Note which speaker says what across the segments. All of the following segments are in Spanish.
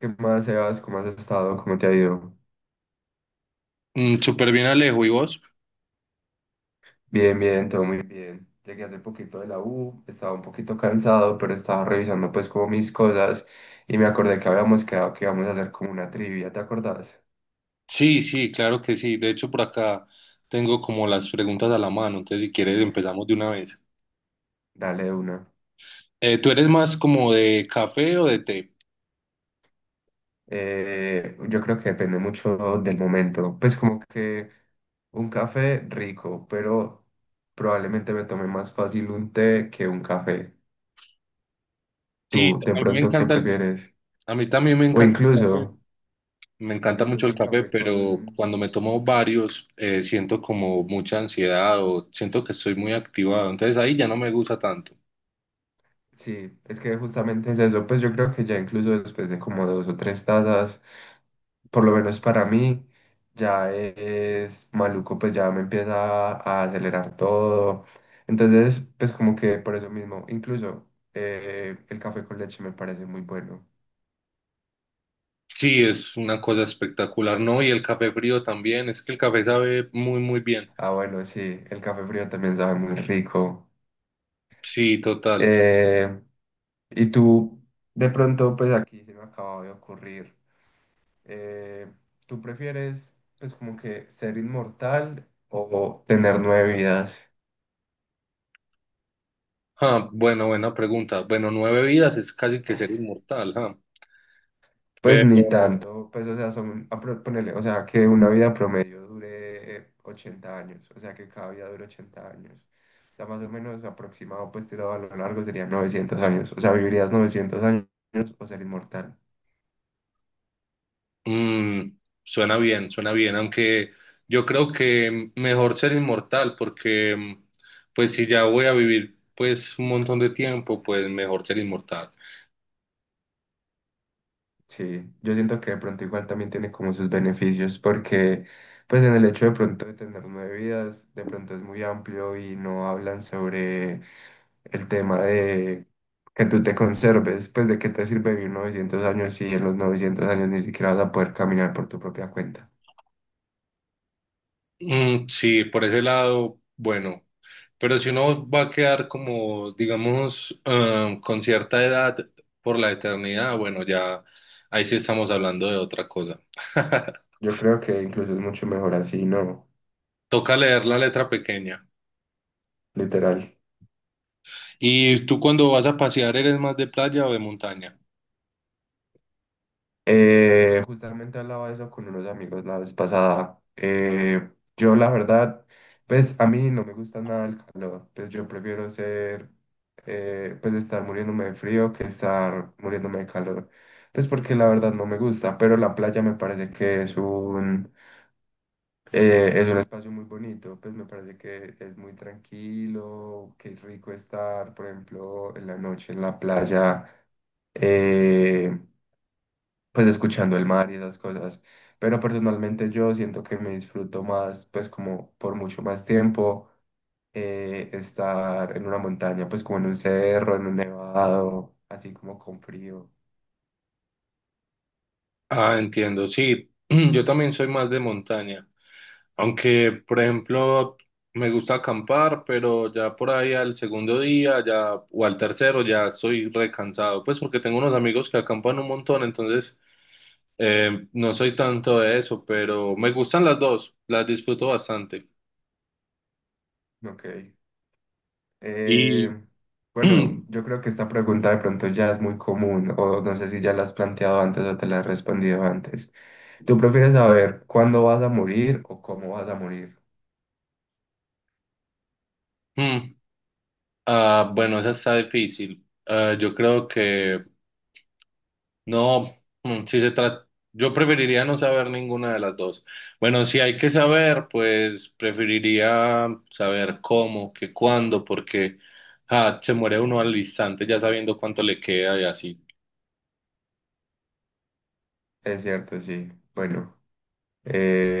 Speaker 1: ¿Qué más, Sebas? ¿Cómo has estado? ¿Cómo te ha ido?
Speaker 2: Súper bien, Alejo. ¿Y vos?
Speaker 1: Bien, bien, todo muy bien. Llegué hace poquito de la U, estaba un poquito cansado, pero estaba revisando pues como mis cosas y me acordé que habíamos quedado que íbamos a hacer como una trivia, ¿te acordás?
Speaker 2: Sí, sí, claro que sí. De hecho, por acá tengo como las preguntas a la mano. Entonces, si quieres, empezamos de una vez.
Speaker 1: Dale de una.
Speaker 2: ¿Tú eres más como de café o de té?
Speaker 1: Yo creo que depende mucho del momento. Pues como que un café rico, pero probablemente me tome más fácil un té que un café.
Speaker 2: Sí,
Speaker 1: ¿Tú de
Speaker 2: a mí me
Speaker 1: pronto qué
Speaker 2: encanta
Speaker 1: prefieres?
Speaker 2: a mí también me
Speaker 1: O
Speaker 2: encanta el
Speaker 1: incluso,
Speaker 2: café. Me
Speaker 1: o
Speaker 2: encanta mucho
Speaker 1: incluso
Speaker 2: el
Speaker 1: el
Speaker 2: café,
Speaker 1: café
Speaker 2: pero
Speaker 1: con...
Speaker 2: cuando me tomo varios, siento como mucha ansiedad o siento que estoy muy activado. Entonces, ahí ya no me gusta tanto.
Speaker 1: Sí, es que justamente es eso, pues yo creo que ya incluso después de como dos o tres tazas, por lo menos para mí, ya es maluco, pues ya me empieza a acelerar todo. Entonces, pues como que por eso mismo, incluso el café con leche me parece muy bueno.
Speaker 2: Sí, es una cosa espectacular, ¿no? Y el café frío también. Es que el café sabe muy, muy bien.
Speaker 1: Ah, bueno, sí, el café frío también sabe muy rico.
Speaker 2: Sí, total.
Speaker 1: Eh, y tú, de pronto, pues aquí se me acaba de ocurrir. Eh, ¿Tú prefieres, pues, como que ser inmortal o tener nueve vidas?
Speaker 2: Ah, bueno, buena pregunta. Bueno, nueve vidas es casi que ser inmortal, ah.
Speaker 1: Pues ni
Speaker 2: Pero
Speaker 1: tanto, pues, o sea, son, ponele, o sea, que una vida promedio dure 80 años, o sea, que cada vida dure 80 años. O sea, más o menos aproximado, pues, tirado a lo largo serían 900 años, o sea, vivirías 900 años o ser inmortal.
Speaker 2: mm, suena bien, aunque yo creo que mejor ser inmortal porque pues si ya voy a vivir pues un montón de tiempo, pues mejor ser inmortal.
Speaker 1: Sí, yo siento que de pronto igual también tiene como sus beneficios, porque pues en el hecho de pronto de tener nueve vidas, de pronto es muy amplio y no hablan sobre el tema de que tú te conserves, pues de qué te sirve vivir 900 años si en los 900 años ni siquiera vas a poder caminar por tu propia cuenta.
Speaker 2: Mm, sí, por ese lado, bueno, pero si uno va a quedar como, digamos, ah, con cierta edad por la eternidad, bueno, ya ahí sí estamos hablando de otra cosa.
Speaker 1: Yo creo que incluso es mucho mejor así, ¿no?
Speaker 2: Toca leer la letra pequeña.
Speaker 1: Literal.
Speaker 2: ¿Y tú cuando vas a pasear eres más de playa o de montaña?
Speaker 1: Justamente hablaba de eso con unos amigos la vez pasada. Yo la verdad, pues a mí no me gusta nada el calor. Pues yo prefiero ser, pues estar muriéndome de frío que estar muriéndome de calor. Pues porque la verdad no me gusta, pero la playa me parece que es un espacio muy bonito. Pues me parece que es muy tranquilo, que es rico estar, por ejemplo, en la noche en la playa. eh, pues escuchando el mar y esas cosas. Pero personalmente yo siento que me disfruto más, pues como por mucho más tiempo, estar en una montaña, pues como en un cerro, en un nevado, así como con frío.
Speaker 2: Ah, entiendo, sí, yo también soy más de montaña. Aunque, por ejemplo, me gusta acampar, pero ya por ahí al segundo día ya, o al tercero ya estoy recansado, pues porque tengo unos amigos que acampan un montón, entonces no soy tanto de eso, pero me gustan las dos, las disfruto bastante.
Speaker 1: Ok.
Speaker 2: Y,
Speaker 1: Eh, bueno, yo creo que esta pregunta de pronto ya es muy común, o no sé si ya la has planteado antes o te la has respondido antes. ¿Tú prefieres saber cuándo vas a morir o cómo vas a morir?
Speaker 2: mm. Ah, bueno, esa está difícil. Ah, yo creo que no, si se trata, yo preferiría no saber ninguna de las dos. Bueno, si hay que saber, pues preferiría saber cómo, que cuándo, porque ah, se muere uno al instante ya sabiendo cuánto le queda y así.
Speaker 1: Es cierto, sí. Bueno.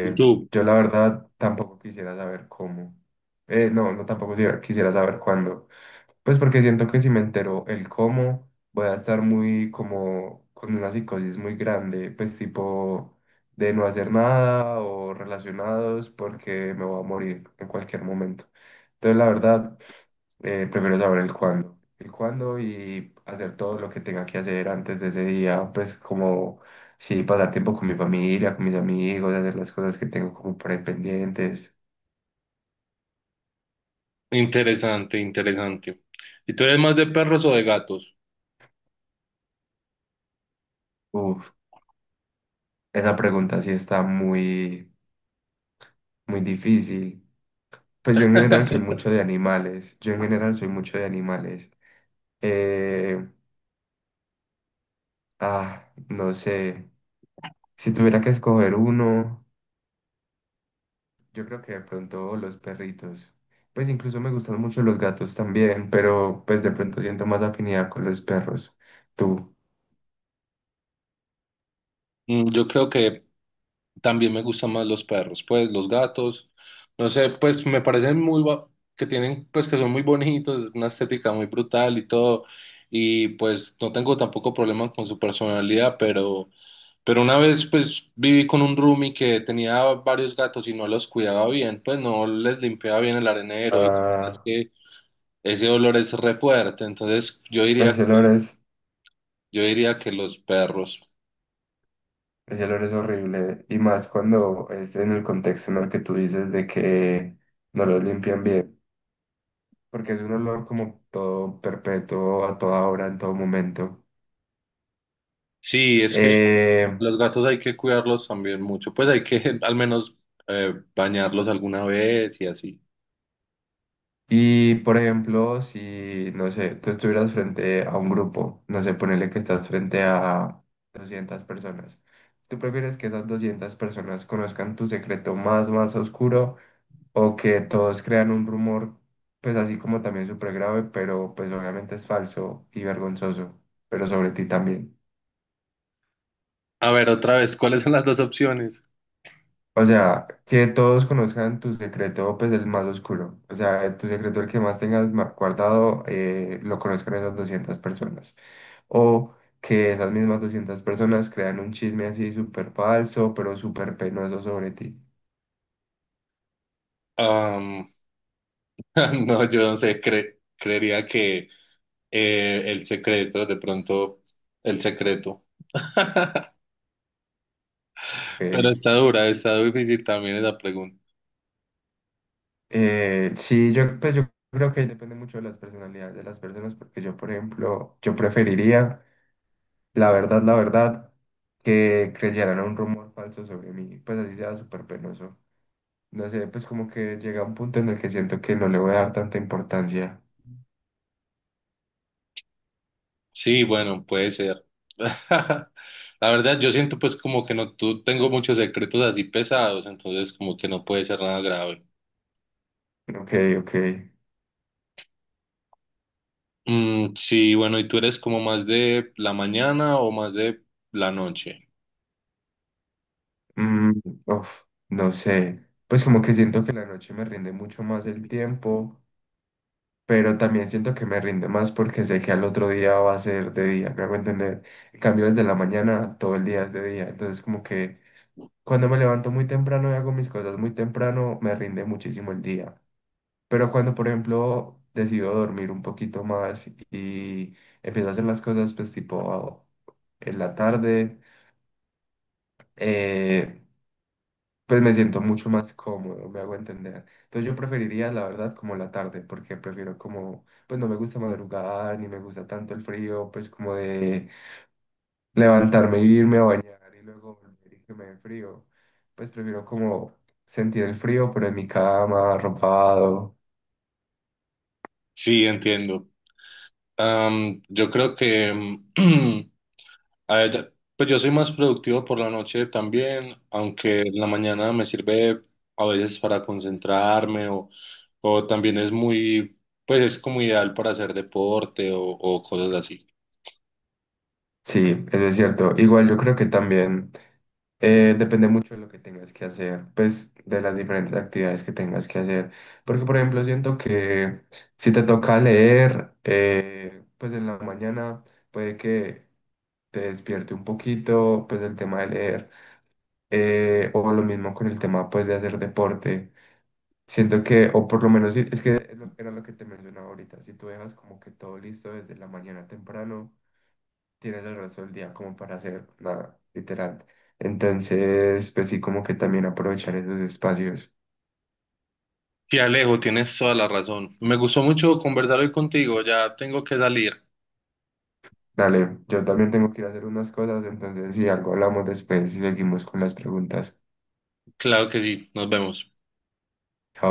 Speaker 2: ¿Y tú?
Speaker 1: yo la verdad tampoco quisiera saber cómo. No, no tampoco quisiera saber cuándo. Pues porque siento que si me entero el cómo, voy a estar muy como con una psicosis muy grande, pues tipo de no hacer nada o relacionados porque me voy a morir en cualquier momento. Entonces la verdad prefiero saber el cuándo. El cuándo y hacer todo lo que tenga que hacer antes de ese día, pues como sí, pasar tiempo con mi familia, con mis amigos, hacer las cosas que tengo como por ahí pendientes.
Speaker 2: Interesante, interesante. ¿Y tú eres más de perros o de gatos?
Speaker 1: Uf, esa pregunta sí está muy, muy difícil. Pues yo en general soy mucho de animales. Yo en general soy mucho de animales. Eh, no sé. Si tuviera que escoger uno. Yo creo que de pronto los perritos. Pues incluso me gustan mucho los gatos también, pero pues de pronto siento más afinidad con los perros. Tú.
Speaker 2: Mm, yo creo que también me gustan más los perros, pues los gatos, no sé, pues me parecen muy, que tienen, pues que son muy bonitos, una estética muy brutal y todo, y pues no tengo tampoco problemas con su personalidad, pero una vez pues viví con un roomie que tenía varios gatos y no los cuidaba bien, pues no les limpiaba bien el arenero y es
Speaker 1: Ah,
Speaker 2: que ese olor es re fuerte, entonces
Speaker 1: ese olor es,
Speaker 2: yo diría que los perros.
Speaker 1: ese olor es horrible. Y más cuando es en el contexto en el que tú dices de que no los limpian bien. Porque es un olor como todo perpetuo, a toda hora, en todo momento.
Speaker 2: Sí, es que
Speaker 1: Eh,
Speaker 2: los gatos hay que cuidarlos también mucho, pues hay que al menos bañarlos alguna vez y así.
Speaker 1: Y por ejemplo, si, no sé, tú estuvieras frente a un grupo, no sé, ponele que estás frente a 200 personas, ¿tú prefieres que esas 200 personas conozcan tu secreto más, más oscuro o que todos crean un rumor, pues así como también súper grave, pero pues obviamente es falso y vergonzoso, pero sobre ti también?
Speaker 2: A ver, otra vez, ¿cuáles son las dos opciones?
Speaker 1: O sea, que todos conozcan tu secreto, pues el más oscuro. O sea, tu secreto, el que más tengas guardado, lo conozcan esas 200 personas. O que esas mismas 200 personas crean un chisme así súper falso, pero súper penoso sobre ti.
Speaker 2: Am, no, yo no sé, creería que el secreto, de pronto el secreto. Pero
Speaker 1: Eh,
Speaker 2: está dura, está difícil también esa pregunta.
Speaker 1: sí, yo, pues yo creo que depende mucho de las personalidades de las personas, porque yo, por ejemplo, yo preferiría, la verdad, que creyeran un rumor falso sobre mí, pues así sea súper penoso. No sé, pues como que llega un punto en el que siento que no le voy a dar tanta importancia.
Speaker 2: Sí, bueno, puede ser. La verdad, yo siento pues como que no, tú tengo muchos secretos así pesados, entonces como que no puede ser nada grave.
Speaker 1: Ok, ok.
Speaker 2: Mm, sí, bueno, ¿y tú eres como más de la mañana o más de la noche?
Speaker 1: Mm, uf, no sé. Pues como que siento que la noche me rinde mucho más el tiempo, pero también siento que me rinde más porque sé que al otro día va a ser de día, me hago entender. En cambio, desde la mañana todo el día es de día. Entonces como que cuando me levanto muy temprano y hago mis cosas muy temprano, me rinde muchísimo el día. Pero cuando, por ejemplo, decido dormir un poquito más y empiezo a hacer las cosas, pues tipo en la tarde, eh, pues me siento mucho más cómodo, me hago entender. Entonces yo preferiría, la verdad, como la tarde, porque prefiero como, pues no me gusta madrugar, ni me gusta tanto el frío, pues como de levantarme y irme a bañar y luego volver y que me dé frío. Pues prefiero como sentir el frío, pero en mi cama, arropado.
Speaker 2: Sí, entiendo. Am, yo creo que, mm, a ver, pues yo soy más productivo por la noche también, aunque en la mañana me sirve a veces para concentrarme o también es muy, pues es como ideal para hacer deporte o cosas así.
Speaker 1: Sí, eso es cierto. Igual yo creo que también... depende mucho de lo que tengas que hacer, pues de las diferentes actividades que tengas que hacer. Porque, por ejemplo, siento que si te toca leer, pues en la mañana puede que te despierte un poquito, pues el tema de leer, o lo mismo con el tema, pues de hacer deporte. Siento que, o por lo menos, sí, es que era lo que te mencionaba ahorita, si tú dejas como que todo listo desde la mañana temprano tienes el resto del día como para hacer nada, literal. Entonces, pues sí, como que también aprovechar esos espacios.
Speaker 2: Sí, Alejo, tienes toda la razón. Me gustó mucho conversar hoy contigo, ya tengo que salir.
Speaker 1: Dale, yo también tengo que ir a hacer unas cosas, entonces si algo hablamos después y seguimos con las preguntas.
Speaker 2: Claro que sí, nos vemos.
Speaker 1: Chao.